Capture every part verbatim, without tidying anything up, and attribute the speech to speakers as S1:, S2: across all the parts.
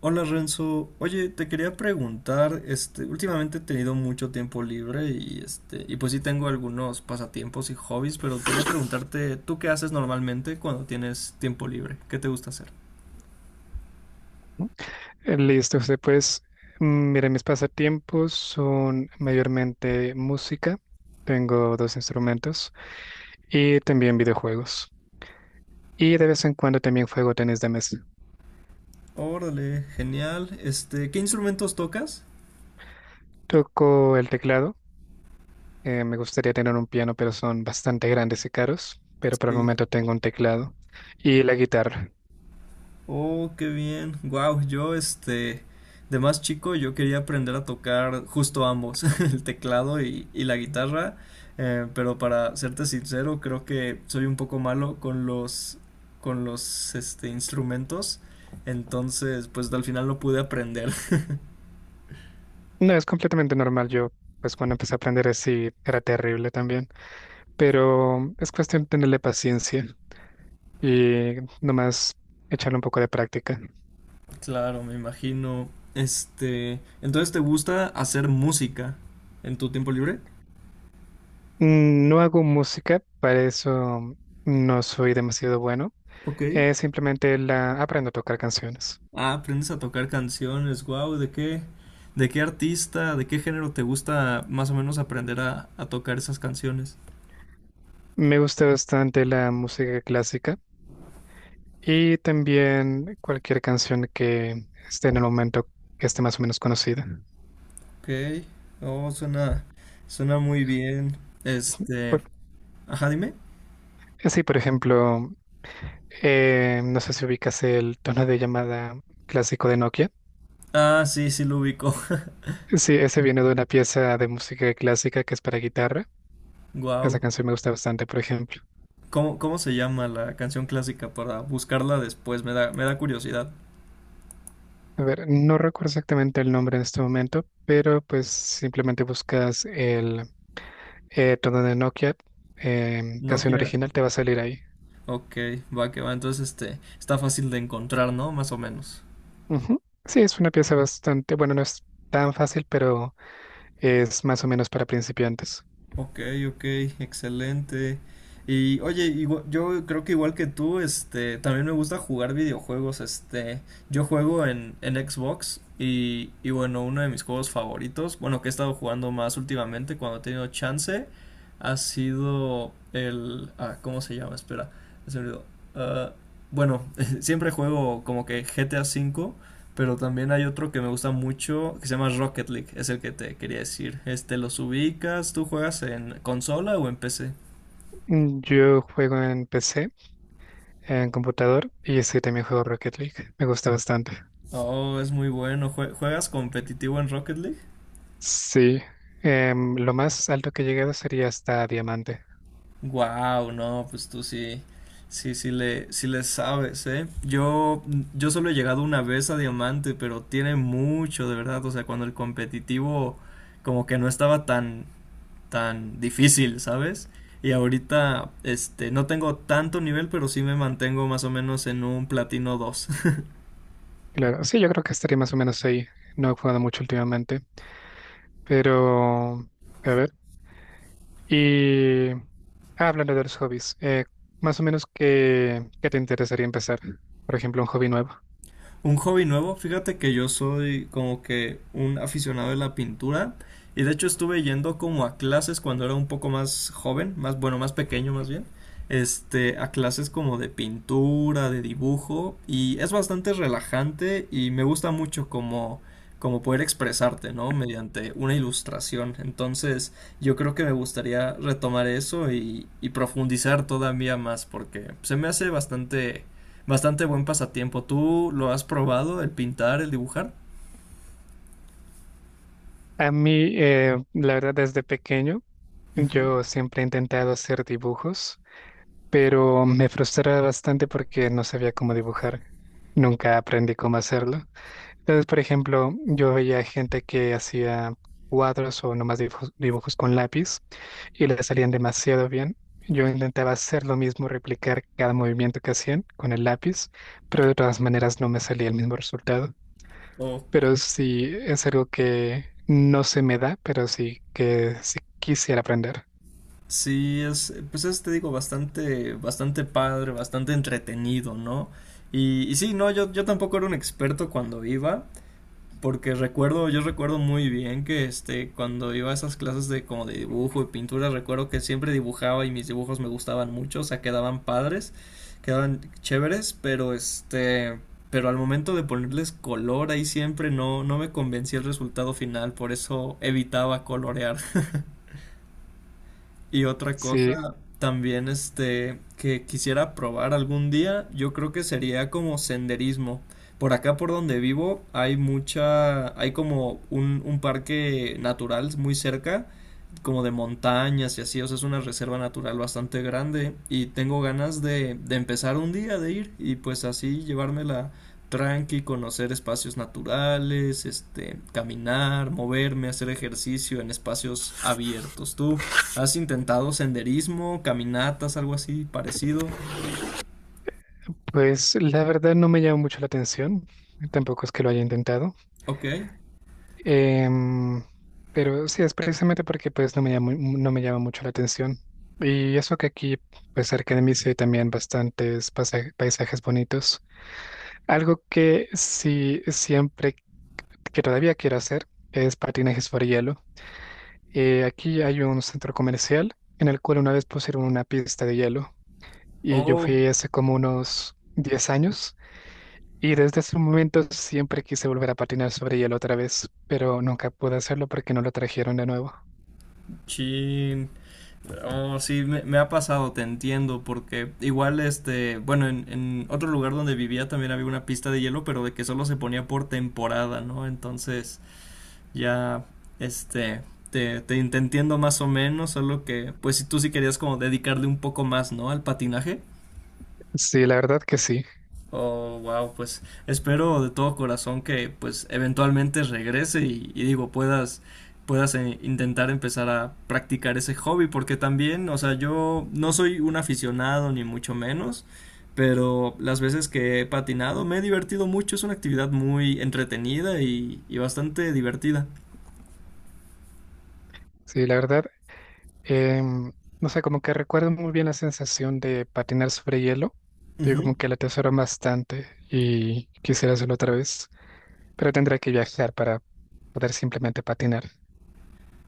S1: Hola Renzo, oye, te quería preguntar, este, últimamente he tenido mucho tiempo libre y este, y pues sí tengo algunos pasatiempos y hobbies, pero quería preguntarte, ¿tú qué haces normalmente cuando tienes tiempo libre? ¿Qué te gusta hacer?
S2: Listo, José, pues, mm, mis pasatiempos son mayormente música, tengo dos instrumentos y también videojuegos. Y de vez en cuando también juego tenis de mesa.
S1: Órale, genial. Este, ¿qué instrumentos tocas?
S2: Toco el teclado, eh, me gustaría tener un piano, pero son bastante grandes y caros, pero por el
S1: Sí.
S2: momento tengo un teclado y la guitarra.
S1: Oh, qué bien. Wow, yo este de más chico yo quería aprender a tocar justo ambos, el teclado y, y la guitarra, eh, pero para serte sincero, creo que soy un poco malo con los con los este instrumentos, entonces pues al final no pude aprender.
S2: No, es completamente normal, yo pues cuando empecé a aprender así era terrible también, pero es cuestión de tenerle paciencia y nomás echarle un poco de práctica.
S1: Claro, me imagino. Este, entonces ¿te gusta hacer música en tu tiempo libre?
S2: Mm, No hago música, para eso no soy demasiado bueno.
S1: Ok.
S2: Eh, simplemente la aprendo a tocar canciones.
S1: Ah, aprendes a tocar canciones, wow, ¿de qué, de qué artista, de qué género te gusta más o menos aprender a, a tocar esas canciones?
S2: Me gusta bastante la música clásica y también cualquier canción que esté en el momento que esté más o menos conocida.
S1: Ok, oh, suena, suena muy bien. Este,
S2: Por,
S1: ajá, dime.
S2: eh, sí, por ejemplo, eh, no sé si ubicas el tono de llamada clásico de Nokia.
S1: Ah, sí, sí lo ubico.
S2: Sí, ese viene de una pieza de música clásica que es para guitarra. Esa
S1: Wow.
S2: canción me gusta bastante, por ejemplo.
S1: ¿Cómo, cómo se llama la canción clásica para buscarla después? Me da, me da curiosidad.
S2: A ver, no recuerdo exactamente el nombre en este momento, pero pues simplemente buscas el eh, tono de Nokia, em,
S1: Nokia,
S2: canción
S1: quiero.
S2: original, te va a salir ahí.
S1: Ok, va que va. Entonces, este, está fácil de encontrar, ¿no? Más o menos.
S2: Ujú. Sí, es una pieza bastante, bueno, no es tan fácil, pero es más o menos para principiantes.
S1: Ok, ok, excelente. Y oye, igua- yo creo que igual que tú, este, también me gusta jugar videojuegos, este, yo juego en, en Xbox y, y bueno, uno de mis juegos favoritos, bueno, que he estado jugando más últimamente cuando he tenido chance, ha sido el, ah, ¿cómo se llama? Espera, se me olvidó. Ah, bueno, siempre juego como que G T A cinco, pero también hay otro que me gusta mucho que se llama Rocket League, es el que te quería decir. Este, los ubicas, ¿tú juegas en consola o en P C?
S2: Mm, Yo juego en P C, en computador, y sí, también juego Rocket League. Me gusta bastante.
S1: Oh, es muy bueno. ¿Jue- ¿Juegas competitivo en Rocket League?
S2: Sí, em, lo más alto que he llegado sería hasta Diamante.
S1: Wow, no, pues tú sí, sí, sí le, sí le sabes, ¿eh? Yo, yo solo he llegado una vez a Diamante, pero tiene mucho, de verdad. O sea, cuando el competitivo como que no estaba tan, tan difícil, ¿sabes? Y ahorita, este, no tengo tanto nivel, pero sí me mantengo más o menos en un platino dos.
S2: Claro, sí, yo creo que estaría más o menos ahí. No he jugado mucho últimamente. Pero, a ver, y ah, hablando de los hobbies, eh, más o menos qué, qué te interesaría empezar, por ejemplo, un hobby nuevo.
S1: Un hobby nuevo, fíjate que yo soy como que un aficionado de la pintura y de hecho estuve yendo como a clases cuando era un poco más joven, más bueno, más pequeño más bien, este, a clases como de pintura, de dibujo y es bastante relajante y me gusta mucho como como poder expresarte, ¿no? Mediante una ilustración. Entonces, yo creo que me gustaría retomar eso y, y profundizar todavía más porque se me hace bastante Bastante buen pasatiempo. ¿Tú lo has probado, el pintar, el dibujar?
S2: A mí, eh, la verdad, desde pequeño,
S1: Ujú.
S2: yo siempre he intentado hacer dibujos, pero me frustraba bastante porque no sabía cómo dibujar. Nunca aprendí cómo hacerlo. Entonces, por ejemplo, yo veía gente que hacía cuadros o nomás dibujos, dibujos con lápiz y le salían demasiado bien. Yo intentaba hacer lo mismo, replicar cada movimiento que hacían con el lápiz, pero de todas maneras no me salía el mismo resultado.
S1: Oh,
S2: Pero sí es algo que no se me da, pero sí que sí quisiera aprender.
S1: sí, es, pues es, te digo, bastante, bastante padre, bastante entretenido, ¿no? Y, y sí, no, yo, yo tampoco era un experto cuando iba, porque recuerdo, yo recuerdo muy bien que este, cuando iba a esas clases de como de dibujo y pintura, recuerdo que siempre dibujaba y mis dibujos me gustaban mucho, o sea, quedaban padres, quedaban chéveres, pero este, pero al momento de ponerles color ahí siempre no, no me convencía el resultado final, por eso evitaba colorear. Y otra
S2: Sí,
S1: cosa también este que quisiera probar algún día, yo creo que sería como senderismo. Por acá por donde vivo hay mucha, hay como un, un parque natural muy cerca, como de montañas y así, o sea, es una reserva natural bastante grande y tengo ganas de, de empezar un día de ir y pues así llevármela tranqui, conocer espacios naturales, este, caminar, moverme, hacer ejercicio en espacios abiertos. ¿Tú ¿Has intentado senderismo, caminatas, algo así parecido?
S2: pues la verdad no me llama mucho la atención, tampoco es que lo haya intentado.
S1: Ok.
S2: Em, pero sí, es precisamente porque pues no me llama, mu- no me llama mucho la atención. Y eso que aquí, pues cerca de mí sí hay también bastantes pasaje- paisajes bonitos. Algo que sí siempre, que todavía quiero hacer, es patinaje sobre hielo. Eh, aquí hay un centro comercial en el cual una vez pusieron una pista de hielo y yo
S1: Oh,
S2: fui hace como unos diez años y desde ese momento siempre quise volver a patinar sobre hielo otra vez, pero nunca pude hacerlo porque no lo trajeron de nuevo.
S1: chin. Oh, sí, me, me ha pasado, te entiendo, porque igual este, bueno, en, en otro lugar donde vivía también había una pista de hielo, pero de que solo se ponía por temporada, ¿no? Entonces, ya, este, te, te, te entiendo más o menos, solo que, pues si tú sí querías como dedicarle un poco más, ¿no? Al patinaje.
S2: Sí, la verdad que sí.
S1: Oh, wow, pues espero de todo corazón que pues eventualmente regrese y, y digo, puedas, puedas eh, intentar empezar a practicar ese hobby, porque también, o sea, yo no soy un aficionado ni mucho menos, pero las veces que he patinado me he divertido mucho, es una actividad muy entretenida y, y bastante divertida.
S2: Sí, la verdad, em, no sé, como que recuerdo muy bien la sensación de patinar sobre hielo. Yo
S1: Ujú.
S2: como que la atesoro bastante y quisiera hacerlo otra vez, pero tendría que viajar para poder simplemente patinar.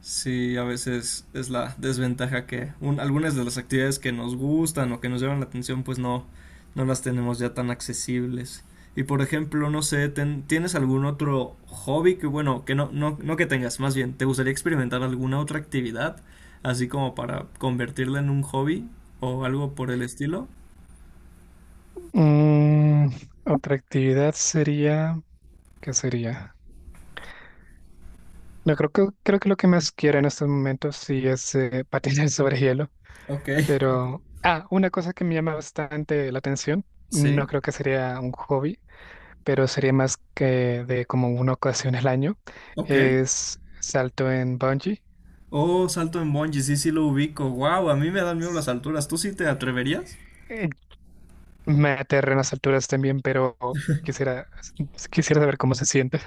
S1: Sí, a veces es la desventaja que un- algunas de las actividades que nos gustan o que nos llaman la atención, pues no, no las tenemos ya tan accesibles. Y por ejemplo, no sé, ten- ¿tienes algún otro hobby que, bueno, que no, no, no que tengas, más bien, ¿te gustaría experimentar alguna otra actividad, así como para convertirla en un hobby o algo por el estilo?
S2: Mm, Otra actividad sería, ¿qué sería? No, creo que, creo que lo que más quiero en estos momentos sí es eh, patinar sobre hielo,
S1: Ok,
S2: pero, ah, una cosa que me llama bastante la atención,
S1: sí,
S2: no creo que sería un hobby pero sería más que de como una ocasión al año,
S1: ok.
S2: es salto en bungee.
S1: Oh, salto en bungee, sí, sí lo ubico. Wow, a mí me dan miedo las
S2: S-
S1: alturas. ¿Tú sí te atreverías?
S2: eh, Me aterra en las alturas también, pero quisiera, quisiera saber cómo se siente.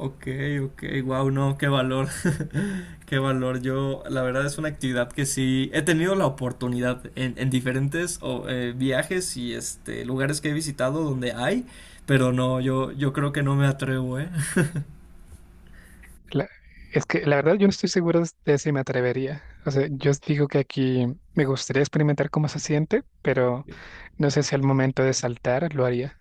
S1: Ok, ok, wow, no, qué valor, qué valor. Yo, la verdad es una actividad que sí he tenido la oportunidad en, en diferentes o, eh, viajes y este lugares que he visitado donde hay, pero no, yo, yo creo que no me atrevo, ¿eh?
S2: La- es que la verdad yo no estoy seguro de si me atrevería. O sea, yo os digo que aquí me gustaría experimentar cómo se siente, pero no sé si al momento de saltar lo haría.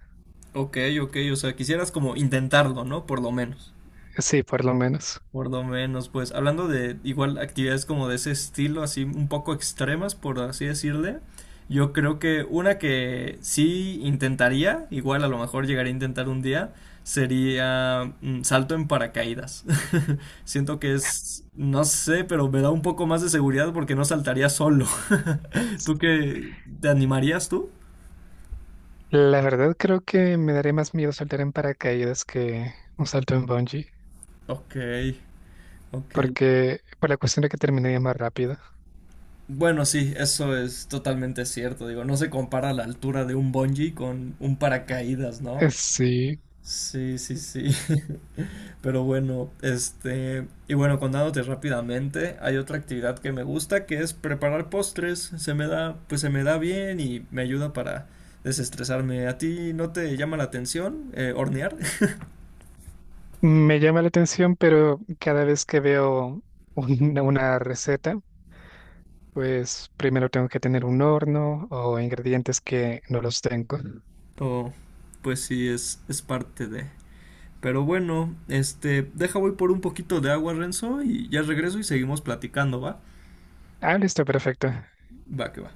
S1: Ok, ok, o sea, quisieras como intentarlo, ¿no? Por lo menos.
S2: Sí, por lo menos.
S1: Por lo menos, pues hablando de igual actividades como de ese estilo, así un poco extremas, por así decirle, yo creo que una que sí intentaría, igual a lo mejor llegaría a intentar un día, sería mm, salto en paracaídas. Siento que es, no sé, pero me da un poco más de seguridad porque no saltaría solo. ¿Tú qué? ¿Te animarías tú?
S2: La verdad creo que me daría más miedo saltar en paracaídas que un salto en bungee,
S1: Ok, ok.
S2: porque por la cuestión de que terminaría más rápido.
S1: Bueno, sí, eso es totalmente cierto. Digo, no se compara la altura de un bungee con un paracaídas, ¿no?
S2: Eh, Sí,
S1: Sí, sí, sí. Pero bueno, este, y bueno, contándote rápidamente, hay otra actividad que me gusta que es preparar postres. Se me da, pues se me da bien y me ayuda para desestresarme. ¿A ti no te llama la atención eh, hornear?
S2: me llama la atención, pero cada vez que veo una, una receta, pues primero tengo que tener un horno o ingredientes que no los tengo.
S1: O pues sí, es, es parte de. Pero bueno, este, deja voy por un poquito de agua, Renzo, y ya regreso y seguimos platicando, ¿va?
S2: Ah, listo, perfecto.
S1: Va, que va.